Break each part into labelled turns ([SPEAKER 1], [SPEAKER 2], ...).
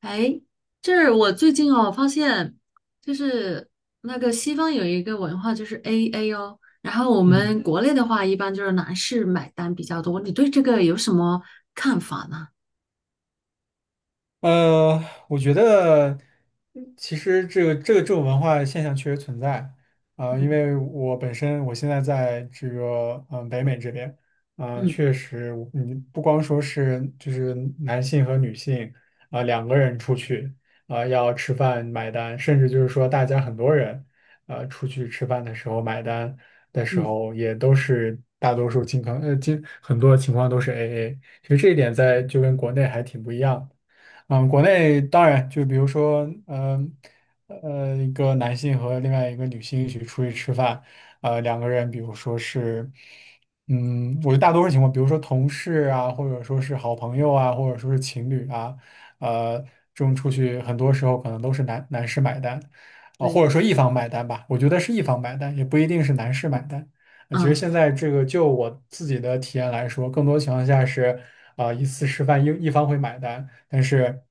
[SPEAKER 1] 哎，这是我最近发现就是那个西方有一个文化就是 AA 哦，然后我
[SPEAKER 2] 嗯，
[SPEAKER 1] 们国内的话一般就是男士买单比较多，你对这个有什么看法呢？
[SPEAKER 2] 呃，我觉得其实这个这种文化现象确实存在啊，因
[SPEAKER 1] 嗯
[SPEAKER 2] 为我本身我现在在这个北美这边，啊，
[SPEAKER 1] 嗯
[SPEAKER 2] 确实你不光说是就是男性和女性啊、两个人出去啊、要吃饭买单，甚至就是说大家很多人出去吃饭的时候买单的时
[SPEAKER 1] 嗯，
[SPEAKER 2] 候也都是大多数情况很多情况都是 AA，其实这一点在就跟国内还挺不一样。国内当然就比如说，嗯一个男性和另外一个女性一起出去吃饭，两个人，比如说是，我觉得大多数情况，比如说同事啊，或者说是好朋友啊，或者说是情侣啊，呃，这种出去很多时候可能都是男士买单，啊、或者
[SPEAKER 1] 对，
[SPEAKER 2] 说一方买单吧，我觉得是一方买单，也不一定是男士买单。其实
[SPEAKER 1] 嗯，
[SPEAKER 2] 现在这个就我自己的体验来说，更多情况下是，啊、一次吃饭一方会买单。但是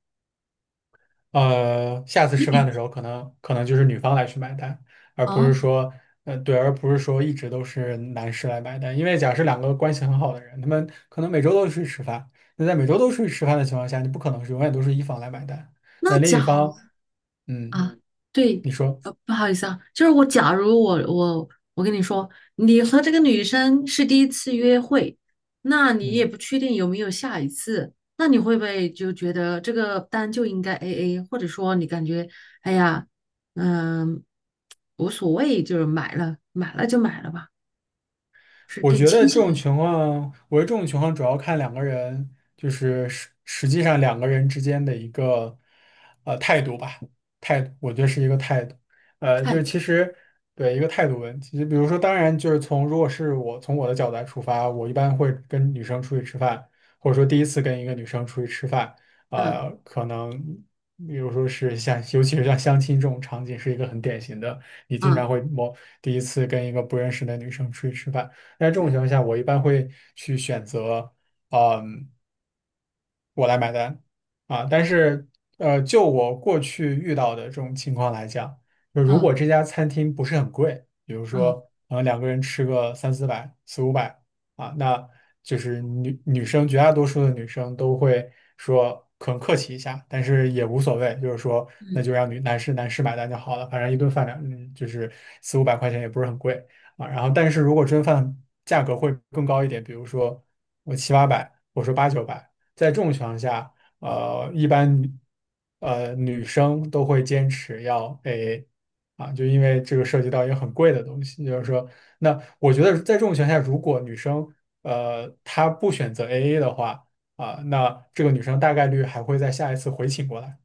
[SPEAKER 2] 下次吃饭的时候，可能就是女方来去买单，而不
[SPEAKER 1] 哦，
[SPEAKER 2] 是说，对，而不是说一直都是男士来买单。因为假设两个关系很好的人，他们可能每周都出去吃饭，那在每周都出去吃饭的情况下，你不可能是永远都是一方来买单，
[SPEAKER 1] 那
[SPEAKER 2] 那另
[SPEAKER 1] 假
[SPEAKER 2] 一方，嗯，
[SPEAKER 1] 啊，对，
[SPEAKER 2] 你说，
[SPEAKER 1] 不好意思啊，就是我，假如我跟你说，你和这个女生是第一次约会，那你也
[SPEAKER 2] 嗯。
[SPEAKER 1] 不确定有没有下一次，那你会不会就觉得这个单就应该 AA，或者说你感觉，哎呀，嗯，无所谓，就是买了买了就买了吧，是
[SPEAKER 2] 我
[SPEAKER 1] 更
[SPEAKER 2] 觉得
[SPEAKER 1] 倾
[SPEAKER 2] 这
[SPEAKER 1] 向
[SPEAKER 2] 种
[SPEAKER 1] 于
[SPEAKER 2] 情况，我觉得这种情况主要看两个人，就是实际上两个人之间的一个态度吧，态度，我觉得是一个态度，就
[SPEAKER 1] 态
[SPEAKER 2] 是
[SPEAKER 1] 度，
[SPEAKER 2] 其实对一个态度问题，就比如说，当然就是从如果是我从我的角度来出发，我一般会跟女生出去吃饭，或者说第一次跟一个女生出去吃饭，
[SPEAKER 1] 嗯
[SPEAKER 2] 可能比如说是像尤其是像相亲这种场景，是一个很典型的，你经常
[SPEAKER 1] 嗯，
[SPEAKER 2] 会第一次跟一个不认识的女生出去吃饭。在这种
[SPEAKER 1] 对，
[SPEAKER 2] 情况下，我一般会去选择，嗯，我来买单啊。但
[SPEAKER 1] 嗯
[SPEAKER 2] 是，就我过去遇到的这种情况来讲，就如
[SPEAKER 1] 嗯
[SPEAKER 2] 果这家餐厅不是很贵，比如
[SPEAKER 1] 嗯
[SPEAKER 2] 说，两个人吃个三四百、四五百啊，那就是女生绝大多数的女生都会说。可能客气一下，但是也无所谓，就是说，那
[SPEAKER 1] 嗯，
[SPEAKER 2] 就让女男士男士买单就好了，反正一顿饭就是四五百块钱也不是很贵啊。然后，但是如果这顿饭价格会更高一点，比如说我七八百，我说八九百。在这种情况下，一般女生都会坚持要 AA 啊，就因为这个涉及到一个很贵的东西，就是说，那我觉得在这种情况下，如果女生她不选择 AA 的话啊，那这个女生大概率还会在下一次回请过来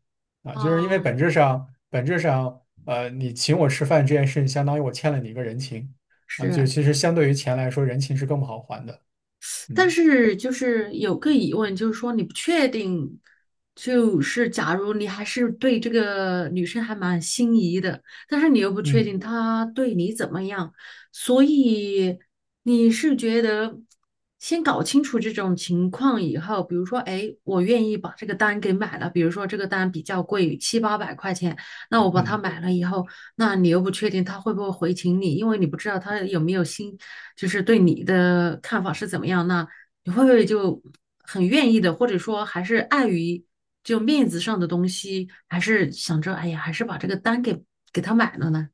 [SPEAKER 2] 啊，就是因为
[SPEAKER 1] 哦，
[SPEAKER 2] 本质上你请我吃饭这件事情，相当于我欠了你一个人情啊，就
[SPEAKER 1] 是。
[SPEAKER 2] 其实相对于钱来说，人情是更不好还的，
[SPEAKER 1] 但
[SPEAKER 2] 嗯
[SPEAKER 1] 是就是有个疑问，就是说你不确定，就是假如你还是对这个女生还蛮心仪的，但是你又不确
[SPEAKER 2] 嗯
[SPEAKER 1] 定她对你怎么样，所以你是觉得先搞清楚这种情况以后，比如说，哎，我愿意把这个单给买了，比如说这个单比较贵，七八百块钱，那我把它
[SPEAKER 2] 嗯。
[SPEAKER 1] 买了以后，那你又不确定他会不会回请你，因为你不知道他有没有心，就是对你的看法是怎么样。那你会不会就很愿意的，或者说还是碍于就面子上的东西，还是想着哎呀，还是把这个单给他买了呢？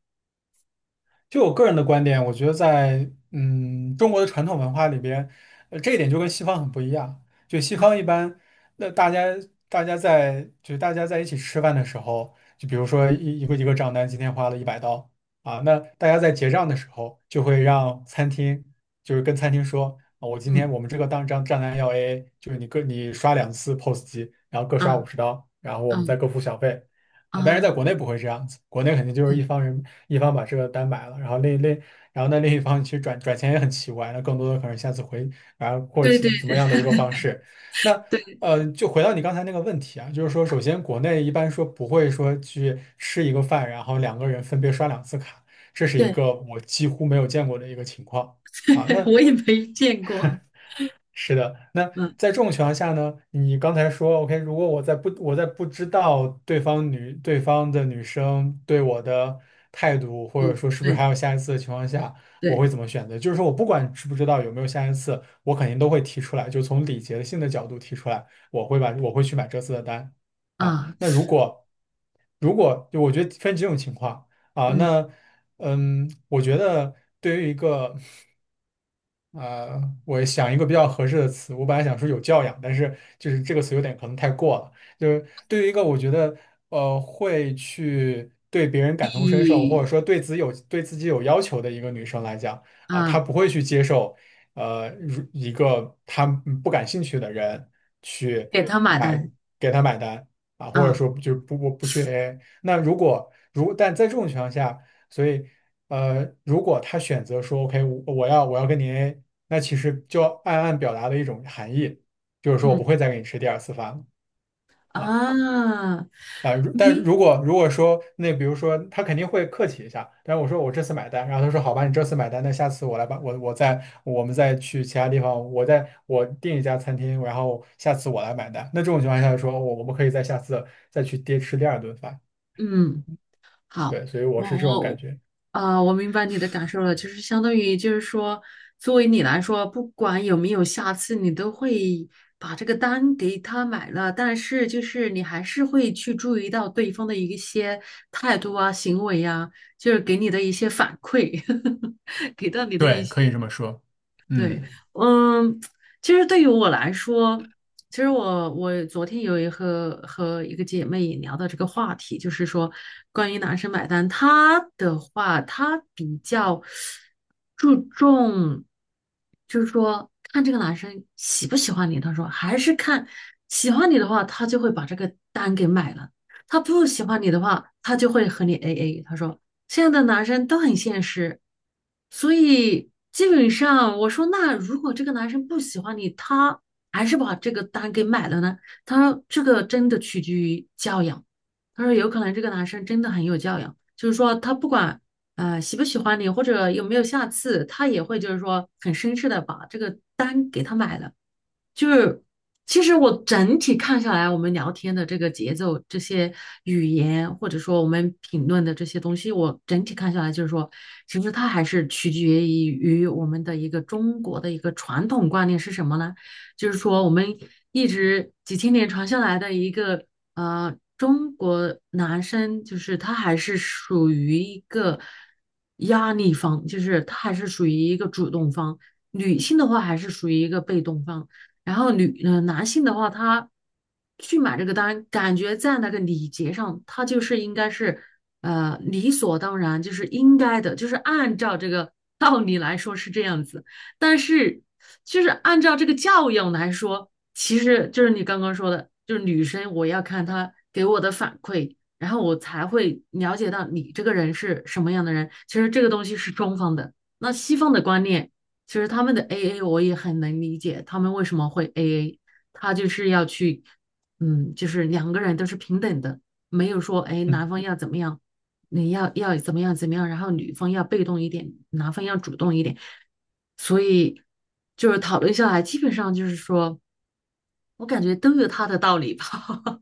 [SPEAKER 2] 就我个人的观点，我觉得在中国的传统文化里边，这一点就跟西方很不一样。就西方一般，那大家在一起吃饭的时候，就比如说一个账单今天花了100刀啊，那大家在结账的时候就会让餐厅就是跟餐厅说，啊我今天
[SPEAKER 1] 嗯
[SPEAKER 2] 我们这个账单要 AA，就是你刷两次 POS 机，然后各刷五
[SPEAKER 1] 啊
[SPEAKER 2] 十刀，然后我们
[SPEAKER 1] 嗯
[SPEAKER 2] 再各付小费。啊，但是在
[SPEAKER 1] 啊，
[SPEAKER 2] 国内不会这样子，国内肯定就是一
[SPEAKER 1] 对
[SPEAKER 2] 方人一方把这个单买了，然后然后那另一方其实转钱也很奇怪，那更多的可能下次回，然后或者
[SPEAKER 1] 对
[SPEAKER 2] 怎么
[SPEAKER 1] 对
[SPEAKER 2] 样的一个方式。那
[SPEAKER 1] 对
[SPEAKER 2] 就回到你刚才那个问题啊，就是说，首先国内一般说不会说去吃一个饭，然后两个人分别刷两次卡，这是一
[SPEAKER 1] 对，
[SPEAKER 2] 个我几乎没有见过的一个情况啊。那
[SPEAKER 1] 我也没见过，
[SPEAKER 2] 是的，那
[SPEAKER 1] 嗯，
[SPEAKER 2] 在这种情况下呢，你刚才说，OK，如果我在不知道对方女对方的女生对我的态度，或者
[SPEAKER 1] 就
[SPEAKER 2] 说是不是
[SPEAKER 1] 对
[SPEAKER 2] 还有下一次的情况下，我
[SPEAKER 1] 对
[SPEAKER 2] 会怎么选择？就是说我不管知不知道有没有下一次，我肯定都会提出来，就从礼节性的角度提出来，我会去买这次的单啊。
[SPEAKER 1] 啊，
[SPEAKER 2] 那如果如果就我觉得分几种情况啊，
[SPEAKER 1] 嗯，
[SPEAKER 2] 那我觉得对于一个呃，我想一个比较合适的词，我本来想说有教养，但是就是这个词有点可能太过了。就是对于一个我觉得会去对别人感同身受，或者
[SPEAKER 1] 以
[SPEAKER 2] 说对自己有要求的一个女生来讲啊，她
[SPEAKER 1] 啊
[SPEAKER 2] 不会去接受如一个她不感兴趣的人去
[SPEAKER 1] 给他买
[SPEAKER 2] 买
[SPEAKER 1] 单
[SPEAKER 2] 给她买单啊，或者
[SPEAKER 1] 啊，
[SPEAKER 2] 说就不去 AA。那如果如但在这种情况下，所以。如果他选择说 OK，我要跟你 a 那其实就暗暗表达的一种含义，就是说我不
[SPEAKER 1] 嗯
[SPEAKER 2] 会再给你吃第二次饭了啊
[SPEAKER 1] 啊，
[SPEAKER 2] 啊！如但
[SPEAKER 1] 没，
[SPEAKER 2] 如果如果说那比如说他肯定会客气一下，但是我说我这次买单，然后他说好吧，你这次买单，那下次我来吧，我们再去其他地方，我订一家餐厅，然后下次我来买单。那这种情况下说，我们可以在下次再去吃第二顿饭，
[SPEAKER 1] 嗯，好，
[SPEAKER 2] 对，所以我
[SPEAKER 1] 我
[SPEAKER 2] 是这种感
[SPEAKER 1] 我
[SPEAKER 2] 觉，
[SPEAKER 1] 我明白你的感受了，就是相当于就是说，作为你来说，不管有没有下次，你都会把这个单给他买了，但是就是你还是会去注意到对方的一些态度啊、行为呀、就是给你的一些反馈，给到你的一
[SPEAKER 2] 对，
[SPEAKER 1] 些。
[SPEAKER 2] 可以这么说。
[SPEAKER 1] 对，
[SPEAKER 2] 嗯。
[SPEAKER 1] 嗯，其实对于我来说，其实我昨天有一和一个姐妹也聊到这个话题，就是说关于男生买单，他的话他比较注重，就是说看这个男生喜不喜欢你，他说还是看喜欢你的话，他就会把这个单给买了。他不喜欢你的话，他就会和你 AA。他说现在的男生都很现实，所以基本上我说那如果这个男生不喜欢你，他还是把这个单给买了呢？他说这个真的取决于教养。他说有可能这个男生真的很有教养，就是说他不管喜不喜欢你或者有没有下次，他也会就是说很绅士的把这个单给他买了。就是其实我整体看下来，我们聊天的这个节奏、这些语言，或者说我们评论的这些东西，我整体看下来就是说，其实它还是取决于我们的一个中国的一个传统观念是什么呢？就是说我们一直几千年传下来的一个中国男生就是他还是属于一个压力方，就是他还是属于一个主动方，女性的话还是属于一个被动方。然后男性的话，他去买这个单，感觉在那个礼节上，他就是应该是，理所当然，就是应该的，就是按照这个道理来说是这样子。但是，就是按照这个教养来说，其实就是你刚刚说的，就是女生我要看她给我的反馈，然后我才会了解到你这个人是什么样的人。其实这个东西是中方的，那西方的观念。其实他们的 AA 我也很能理解，他们为什么会 AA，他就是要去，嗯，就是两个人都是平等的，没有说哎
[SPEAKER 2] 嗯。
[SPEAKER 1] 男方要怎么样，你要怎么样怎么样，然后女方要被动一点，男方要主动一点，所以就是讨论下来，基本上就是说我感觉都有他的道理吧，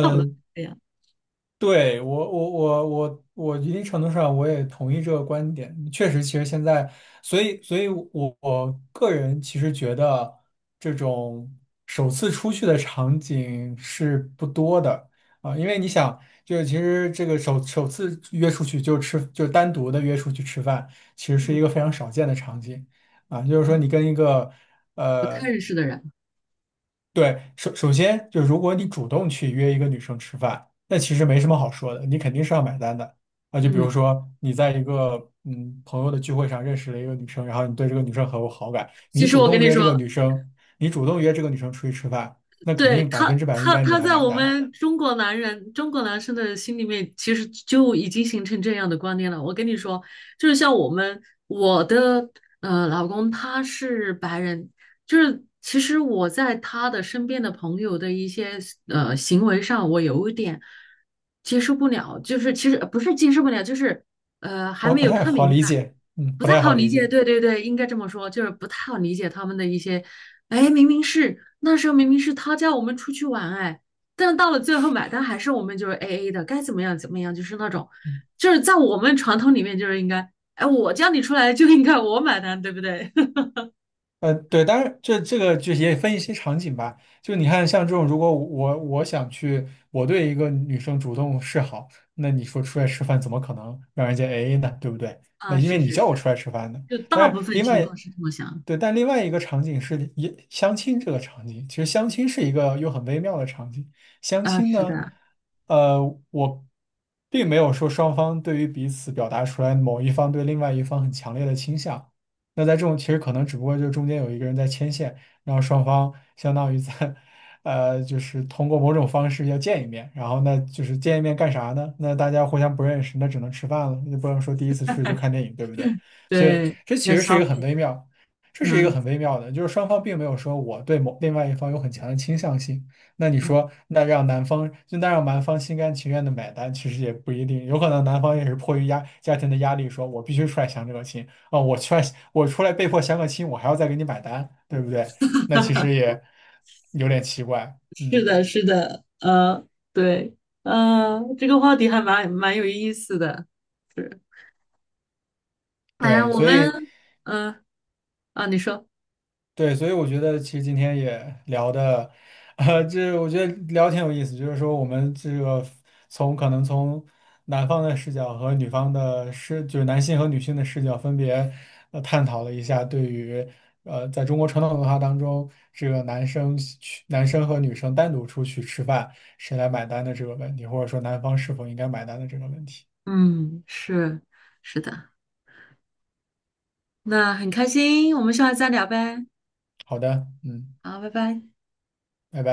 [SPEAKER 1] 差不多是这样，
[SPEAKER 2] 对，我一定程度上我也同意这个观点。确实，其实现在，所以我个人其实觉得这种首次出去的场景是不多的啊，因为你想，就是其实这个首次约出去就单独的约出去吃饭，其实是一
[SPEAKER 1] 嗯，
[SPEAKER 2] 个非常少见的场景啊。就是说，你跟一个
[SPEAKER 1] 不太
[SPEAKER 2] 呃
[SPEAKER 1] 认识的人，
[SPEAKER 2] 对，首先就如果你主动去约一个女生吃饭，那其实没什么好说的，你肯定是要买单的啊。就比如
[SPEAKER 1] 嗯，
[SPEAKER 2] 说你在一个朋友的聚会上认识了一个女生，然后你对这个女生很有好感，
[SPEAKER 1] 其实我跟你说。
[SPEAKER 2] 你主动约这个女生出去吃饭，那肯
[SPEAKER 1] 对
[SPEAKER 2] 定百
[SPEAKER 1] 他，
[SPEAKER 2] 分之百应
[SPEAKER 1] 他
[SPEAKER 2] 该你
[SPEAKER 1] 他
[SPEAKER 2] 来
[SPEAKER 1] 在
[SPEAKER 2] 买
[SPEAKER 1] 我
[SPEAKER 2] 单，
[SPEAKER 1] 们中国男人、中国男生的心里面，其实就已经形成这样的观念了。我跟你说，就是像我们，我的老公他是白人，就是其实我在他的身边的朋友的一些行为上，我有一点接受不了，就是其实不是接受不了，就是还
[SPEAKER 2] 不
[SPEAKER 1] 没
[SPEAKER 2] 不
[SPEAKER 1] 有
[SPEAKER 2] 太
[SPEAKER 1] 看
[SPEAKER 2] 好
[SPEAKER 1] 明
[SPEAKER 2] 理
[SPEAKER 1] 白。
[SPEAKER 2] 解，
[SPEAKER 1] 不
[SPEAKER 2] 不
[SPEAKER 1] 太
[SPEAKER 2] 太
[SPEAKER 1] 好
[SPEAKER 2] 好
[SPEAKER 1] 理
[SPEAKER 2] 理
[SPEAKER 1] 解，
[SPEAKER 2] 解。
[SPEAKER 1] 对对对，应该这么说，就是不太好理解他们的一些，哎，明明是那时候明明是他叫我们出去玩，哎，但到了最后买单还是我们就是 A A 的，该怎么样怎么样，就是那种，
[SPEAKER 2] 嗯
[SPEAKER 1] 就是在我们传统里面就是应该，哎，我叫你出来就应该我买单，对不对？
[SPEAKER 2] 对，当然这个就也分一些场景吧。就你看，像这种，如果我想去，我对一个女生主动示好，那你说出来吃饭怎么可能让人家 AA 呢？对不对？那
[SPEAKER 1] 啊，
[SPEAKER 2] 因为
[SPEAKER 1] 是
[SPEAKER 2] 你
[SPEAKER 1] 是
[SPEAKER 2] 叫我
[SPEAKER 1] 是，
[SPEAKER 2] 出来吃饭的。
[SPEAKER 1] 就大
[SPEAKER 2] 但是
[SPEAKER 1] 部分
[SPEAKER 2] 另
[SPEAKER 1] 情
[SPEAKER 2] 外，
[SPEAKER 1] 况是这么想
[SPEAKER 2] 对，但另外一个场景是也相亲这个场景，其实相亲是一个又很微妙的场景。相
[SPEAKER 1] 啊，
[SPEAKER 2] 亲
[SPEAKER 1] 是
[SPEAKER 2] 呢，
[SPEAKER 1] 的，
[SPEAKER 2] 呃，我并没有说双方对于彼此表达出来某一方对另外一方很强烈的倾向。那在这种其实可能只不过就是中间有一个人在牵线，然后双方相当于在，就是通过某种方式要见一面，然后那就是见一面干啥呢？那大家互相不认识，那只能吃饭了，那不能说第一次出去就看电影，对不对？所以
[SPEAKER 1] 对，
[SPEAKER 2] 这
[SPEAKER 1] 要
[SPEAKER 2] 其实是一
[SPEAKER 1] 消
[SPEAKER 2] 个很
[SPEAKER 1] 费，
[SPEAKER 2] 微妙，这是一个
[SPEAKER 1] 嗯
[SPEAKER 2] 很微妙的，就是双方并没有说我对某另外一方有很强的倾向性。那你
[SPEAKER 1] 嗯，
[SPEAKER 2] 说，那让男方心甘情愿的买单，其实也不一定，有可能男方也是迫于家庭的压力，说我必须出来相这个亲。啊，我出来被迫相个亲，我还要再给你买单，对不对？那其实也有点奇怪，
[SPEAKER 1] 是的，是的，对，这个话题还蛮有意思的，是。哎呀，
[SPEAKER 2] 对，
[SPEAKER 1] 我
[SPEAKER 2] 所
[SPEAKER 1] 们，
[SPEAKER 2] 以。
[SPEAKER 1] 嗯，啊，你说，
[SPEAKER 2] 对，所以我觉得其实今天也聊的，这我觉得聊挺有意思，就是说我们这个从可能从男方的视角和女方的就是男性和女性的视角分别探讨了一下对于在中国传统文化当中，这个男生和女生单独出去吃饭，谁来买单的这个问题，或者说男方是否应该买单的这个问题。
[SPEAKER 1] 嗯，是，是的，那很开心，我们下次再聊呗，
[SPEAKER 2] 好的，嗯，
[SPEAKER 1] 好，拜拜。
[SPEAKER 2] 拜拜。